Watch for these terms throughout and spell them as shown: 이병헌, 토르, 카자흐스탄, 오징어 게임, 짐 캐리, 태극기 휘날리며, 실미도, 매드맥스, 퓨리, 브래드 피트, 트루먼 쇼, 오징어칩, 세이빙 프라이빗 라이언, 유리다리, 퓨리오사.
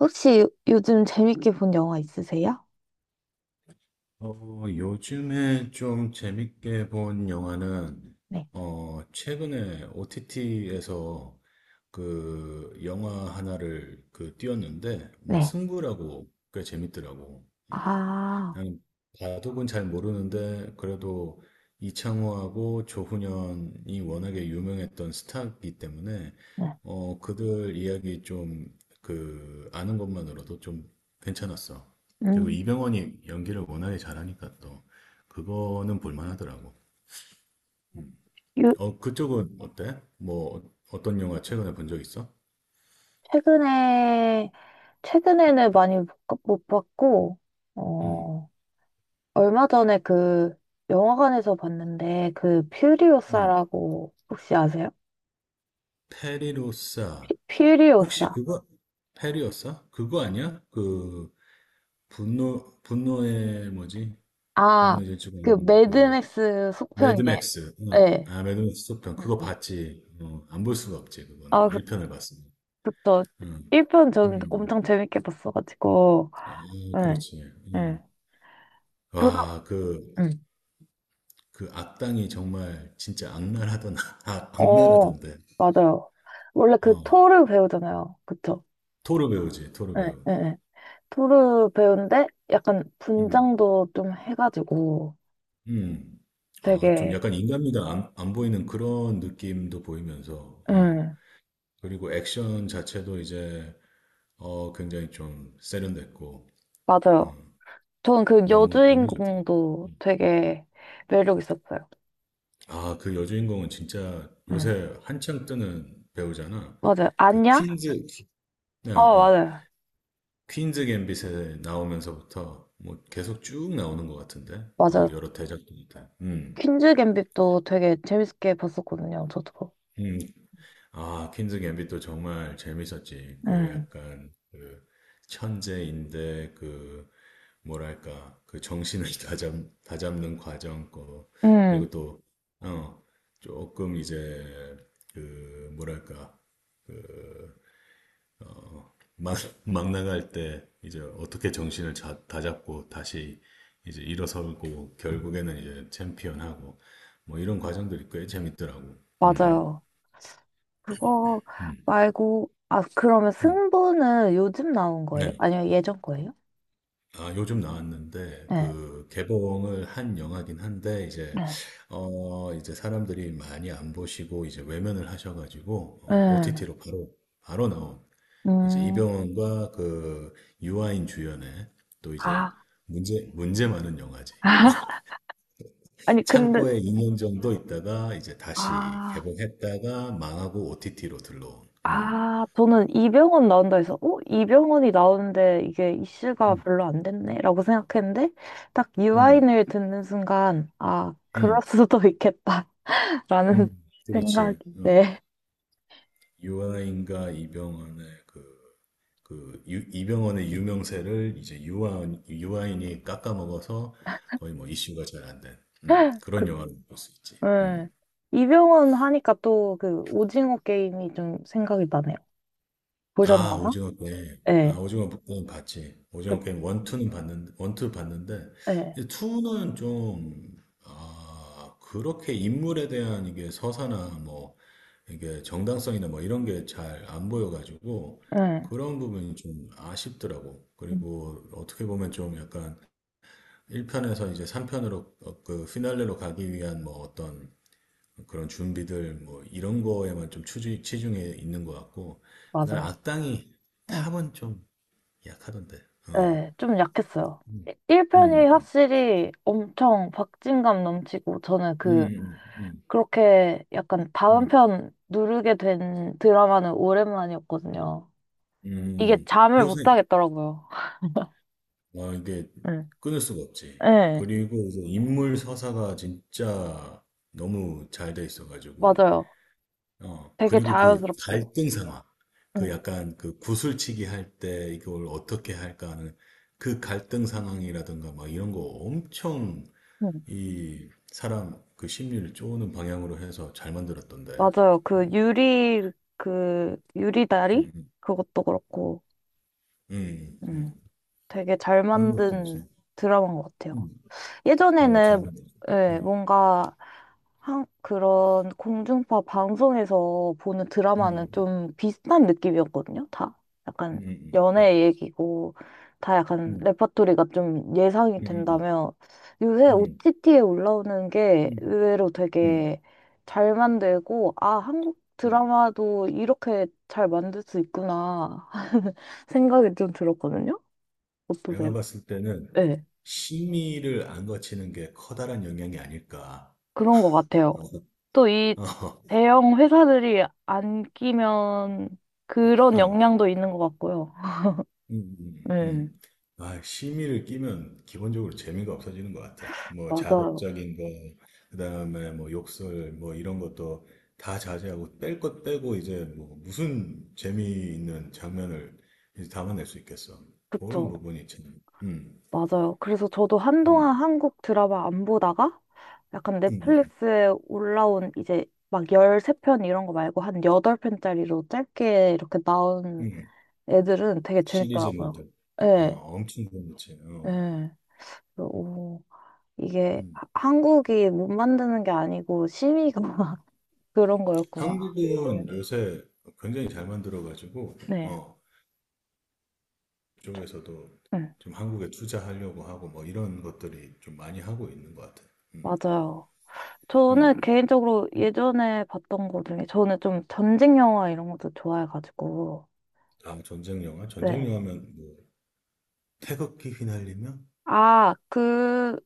혹시 요즘 재밌게 본 영화 있으세요? 요즘에 좀 재밌게 본 영화는, 네, 최근에 OTT에서 그 영화 하나를 띄웠는데, 뭐, 네, 승부라고 꽤 재밌더라고. 아, 아니, 바둑은 잘 모르는데 그래도 이창호하고 조훈현이 워낙에 유명했던 스타이기 때문에 네. 그들 이야기 좀 아는 것만으로도 좀 괜찮았어. 그리고 음. 이병헌이 연기를 워낙에 잘하니까 또 그거는 볼만하더라고. 요, 그쪽은 어때? 뭐 어- 떤 영화 최근에 본 적 있어? 최근에, 최근에는 많이 못 봤고, 음, 어, 얼마 전에 그 영화관에서 봤는데, 그 음. 퓨리오사라고 혹시 아세요? 페리로사. 혹시 퓨리오사. 그거 페리오사 그거 아니야? 그 분노의 뭐지? 아, 분노의 질주가 그 있는 그 매드맥스 속편이에요. 매드맥스. 응. 네. 아 매드맥스 속편 음, 그거 음. 봤지. 안 볼 수가 없지 그거는 아, 그, 1편을 봤습니다. 그쵸. 응. 1편 저는 음. 엄청 재밌게 봤어가지고, 아, 네. 그렇지. 네. 음. 와, 그, 응. 그 악당이 정말 진짜 악랄하던, 어, 악랄하던데. 맞아요. 원래 그 어, 토르 배우잖아요. 그쵸? 토르 배우지, 토르 예, 배우. 예, 예. 토르 배우인데 약간 음. 분장도 좀 해가지고 음. 아, 좀 되게, 약간 인간미가 안 보이는 그런 느낌도 보이면서, 어. 음, 그리고 액션 자체도 이제 굉장히 좀 세련됐고, 맞아요. 어, 저는 그 너무, 너무 좋더라고요. 여주인공도 음. 되게 매력 있었어요. 아, 그 여주인공은 진짜 음, 요새 한창 뜨는 배우잖아. 맞아요. 그 안냐? 퀸즈, 네, 아, 어, 어, 맞아요. 퀸즈 갬빗에 나오면서부터 뭐 계속 쭉 나오는 것 같은데, 어, 맞아요. 여러 대작들한테. 퀸즈 갬빗도 되게 재밌게 봤었거든요. 저도. 음. 아, 퀸즈 갬빗도 정말 재밌었지. 그 응. 약간 그 천재인데 그 뭐랄까 그 정신을 다잡는 과정 거 음, 그리고 또 어, 조금 이제 그 뭐랄까 그 어, 막, 막 나갈 때 이제 어떻게 정신을 다잡고 다시 이제 일어서고 결국에는 이제 챔피언하고 뭐 이런 과정들이 꽤 재밌더라고. 음, 맞아요. 그거 음, 말고, 아, 그러면 음. 승부는 요즘 나온 거예요? 네. 아니요, 예전 거예요? 아, 요즘 나왔는데, 네, 개봉을 한 영화긴 한데, 이제, 네, 이제 사람들이 많이 안 보시고, 이제 외면을 하셔가지고, 네. OTT로 바로, 바로 나온, 이제 음, 이병헌과 유아인 주연의, 또 이제, 아, 문제 많은 영화지. 아니, 근데, 창고에 2년 정도 있다가, 이제 다시 아, 개봉했다가, 망하고 OTT로 들러온. 음. 아, 저는 이병헌 나온다 해서, 어? 이병헌이 나오는데 이게 이슈가 음, 별로 안 됐네? 라고 생각했는데, 딱 음, 유아인을 듣는 순간, 아, 그럴 음, 수도 있겠다. 라는 생각 그렇지. 이 음. 네, 유아인과 이병헌의 이병헌의 유명세를 이제 유아인이 깎아먹어서 거의 뭐 이슈가 잘 안 된, 그런 그, 영화를 볼 수 있지. 네. 음. 이병헌 하니까 또 그 오징어 게임이 좀 생각이 나네요. 아, 보셨나요? 오징어 게임. 아, 예. 오징어 게임 봤지. 그, 오징어 게임 원투 봤는데, 예. 투는 좀, 아, 그렇게 인물에 대한 이게 서사나 뭐, 이게 정당성이나 뭐 이런 게 잘 안 보여가지고, 응, 그런 부분이 좀 아쉽더라고. 음, 그리고 어떻게 보면 좀 약간 1편에서 이제 3편으로 그 피날레로 가기 위한 뭐 어떤 그런 준비들 뭐 이런 거에만 좀추 치중해 있는 것 같고 그다음에 맞아요. 악당이 응, 탑은 좀 약하던데. 어. 예. 좀 약했어요. 음. 1편이 음, 확실히 엄청 박진감 넘치고 저는 음, 그 음, 음, 그렇게 약간 다음 음, 편 누르게 된 드라마는 오랜만이었거든요. 이게 음. 잠을 요새 못 자겠더라고요. 아, 이게 응, 끊을 수가 없지. 응, 그리고 이제 인물 서사가 진짜 너무 잘 돼 있어가지고 맞아요. 어 되게 그리고 그 자연스럽고. 갈등 상황 그 응, 약간 그 구슬치기 할 때 이걸 어떻게 할까 하는 그 갈등 상황이라든가 막 이런 거 엄청 응. 이 사람 그 심리를 쪼는 방향으로 해서 잘 만들었던데. 맞아요. 그 음, 유리, 그 유리다리? 음, 그것도 그렇고. 음. 음. 되게 잘 그런 것도 있어. 만든 드라마인 것 같아요. 음, 어, 잘 예전에는 만들었어. 예, 음, 뭔가 한, 그런 공중파 방송에서 보는 드라마는 음, 좀 비슷한 느낌이었거든요. 다 음, 약간 음, 연애 얘기고 다 약간 음, 레퍼토리가 좀 예상이 음, 음, 된다면 요새 음, OTT에 올라오는 음, 게 음, 의외로 음. 음, 되게 잘 만들고 아, 한국 음. 드라마도 이렇게 잘 만들 수 있구나 생각이 좀 들었거든요. 어떠세요? 내가 봤을 때는 네, 심의를 안 거치는 게 커다란 영향이 아닐까. 그런 것 같아요. 어, 또 이 어, 대형 회사들이 안 끼면 그런 어. 영향도 있는 것 같고요. 음, 음, 네. 음. 아, 심의를 끼면 기본적으로 재미가 없어지는 것 같아. 뭐 자극 맞아요. 적인 거, 그다음에 뭐 욕설, 뭐 이런 것도 다 자제하고 뺄 것 빼고 이제 뭐 무슨 재미있는 장면을 이제 담아낼 수 있겠어. 그런 그쵸. 부분이 참, 맞아요. 그래서 저도 음, 한동안 한국 드라마 안 보다가 약간 음, 넷플릭스에 올라온 이제 막 13편 이런 거 말고 한 8편짜리로 짧게 이렇게 나온 음, 음. 애들은 되게 재밌더라고요. 시리즈물들 야, 예, 엄청 재밌지. 어. 예. 그래서 오, 이게 음. 한국이 못 만드는 게 아니고 심의가 그런 거였구나. 한국은 요새 굉장히 잘 만들어가지고, 네. 어, 저- 그쪽에서도 네, 좀 한국에 투자하려고 하고 뭐 이런 것들이 좀 많이 하고 있는 것 같아요. 음, 맞아요. 저는 음, 개인적으로 음. 예전에 봤던 거 중에 저는 좀 전쟁 영화 이런 것도 좋아해가지고. 아, 전쟁 영화? 전쟁 네. 영화면 뭐 태극기 휘날리며? 아, 그,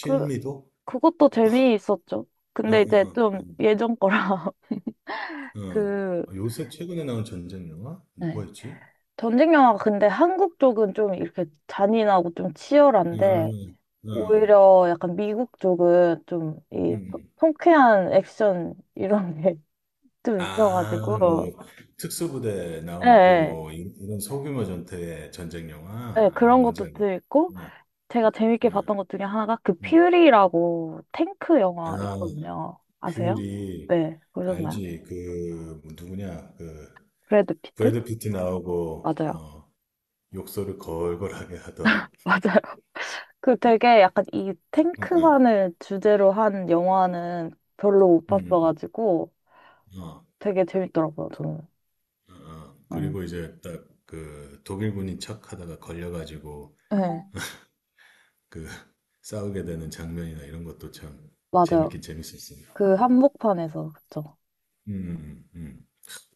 그, 그것도 재미있었죠. 어, 근데 이제 어, 좀 어, 예전 거라 어, 어. 그, 아, 요새 최근에 나온 전쟁 영화? 뭐가 네. 있지? 전쟁 영화가 근데 한국 쪽은 좀 이렇게 잔인하고 좀 치열한데 음, 음, 오히려 약간 미국 쪽은 좀 이 음. 통쾌한 액션 이런 게 좀 아, 뭐 있어가지고. 특수부대 예, 나오고 예, 뭐 이런 소규모 전투의 전쟁 영화? 예, 아, 그런 뭔지 것도 알겠다. 들 있고, 음, 제가 재밌게 음, 봤던 것 중에 하나가 그 음. 퓨리라고 탱크 아, 영화 있거든요. 아세요? 퓨리 네, 보셨나요? 알지 그 뭐 누구냐 그 브래드 피트? 브래드 피트 나오고 맞아요. 어 욕설을 걸걸하게 하던 맞아요. 그 되게 약간 이 응, 응. 탱크만을 주제로 한 영화는 별로 못 음, 봤어가지고 어, 되게 재밌더라고요, 저는. 어, 어. 음. 그리고 이제 딱 그 독일군인 척하다가 걸려가지고 네, 그 싸우게 되는 장면이나 이런 것도 참 맞아요. 재밌긴 재밌었습니다. 그 한복판에서, 그쵸. 음, 음, 음.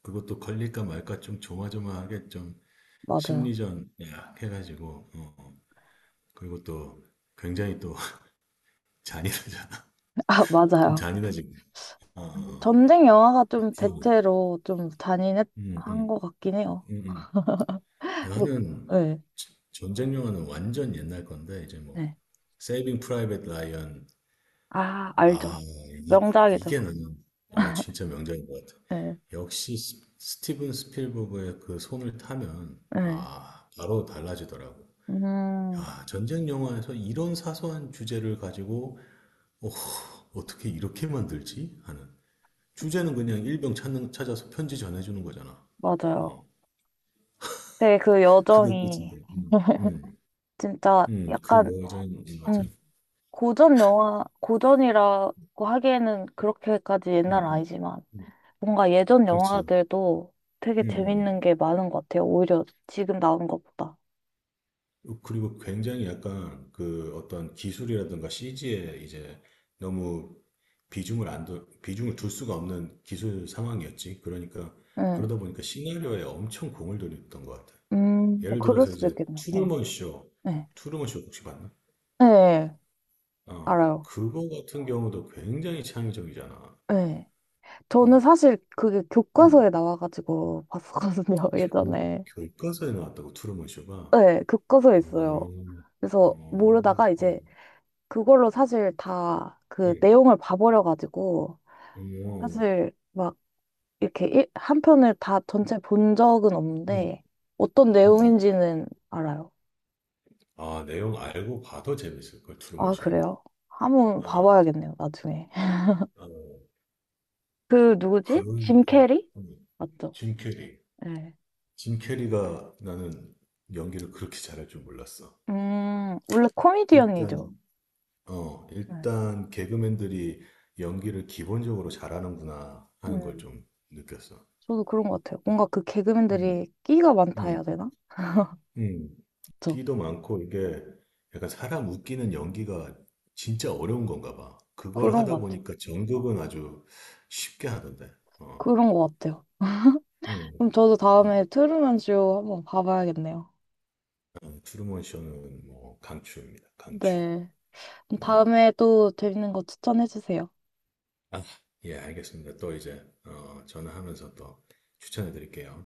그것도 걸릴까 말까 좀 조마조마하게 좀 맞아요. 심리전 약 해가지고 어, 어. 그리고 또 굉장히 또 잔인하잖아. 아, 좀 맞아요. 잔인하지. 아, 어, 전쟁 영화가 좀 기억이. 대체로 좀 잔인한 음, 음, 것 같긴 해요. 음, 음. 뭐, 나는 예. 전쟁 영화는 완전 옛날 건데 이제 뭐 네. 세이빙 프라이빗 라이언. 아, 알죠. 아, 이, 명작이죠. 이게 나는 어 진짜 명작인 것 같아. 네. 역시 스티븐 스필버그의 그 손을 타면 네. 아 바로 달라지더라고. 음, 야, 전쟁 영화에서 이런 사소한 주제를 가지고 어, 어떻게 이렇게 만들지 하는 주제는 그냥 일병 찾아서 편지 전해주는 거잖아. 맞아요. 어. 되게 그 그거 꽂힌 여정이 데 진짜 그 약간 여자인 맞아. 음, 고전 영화, 고전이라고 하기에는 그렇게까지 옛날은 음, 아니지만 음, 뭔가 예전 그렇지요. 영화들도 되게 음, 음, 재밌는 음. 게 많은 것 같아요. 오히려 지금 나온 것보다. 어, 그리고 굉장히 약간 그 어떤 기술이라든가 CG에 이제 너무 비중을 안 둬, 비중을 둘 수가 없는 기술 상황이었지. 그러니까 네. 그러다 보니까 시나리오에 엄청 공을 들였던 것 같아. 예를 그럴 들어서 수도 이제 있겠네요. 네. 네. 투루먼 쇼 혹시 봤나? 네, 어, 알아요. 그거 같은 경우도 굉장히 창의적이잖아. 네. 저는 어, 사실 그게 음. 교과서에 나와가지고 봤었거든요, 교- 예전에. 교과서에 나왔다고 트루먼 쇼가? 네, 교과서에 음, 있어요. 음, 그래서 어 모르다가 이제 그걸로 사실 다 그 내용을 봐버려가지고 음, 사실 막 이렇게 한 편을 다 전체 본 적은 없는데 음, 어떤 음. 내용인지는 알아요. 아, 내용 알고 봐도 재밌을 걸 트루먼 아, 쇼는. 그래요? 한번 아, 봐봐야겠네요, 나중에. 아, 그 누구지? 그런 짐 캐리? 음, 맞죠? 짐 캐리. 네. 짐 캐리가 나는 연기를 그렇게 잘할 줄 몰랐어. 원래 코미디언이죠. 일단 네. 일단 개그맨들이 연기를 기본적으로 잘하는구나 하는 걸 음. 좀 느꼈어. 저도 그런 것 같아요. 뭔가 그 음, 개그맨들이 끼가 많다 음, 해야 되나? 음. 그쵸? 끼도 많고 이게 약간 사람 웃기는 연기가 진짜 어려운 건가 봐. 그걸 그런 하다 것 같아요. 보니까 연극은 아주 쉽게 하던데. 어. 그런 것 같아요. 음, 그럼 저도 다음에 음. 트루먼 쇼 한번 봐봐야겠네요. 아, 트루먼 쇼는 뭐 강추입니다. 강추. 네. 그럼 음. 다음에 또 재밌는 거 추천해 주세요. 아, 예, 알겠습니다. 또 이제 어, 전화하면서 또 추천해 드릴게요.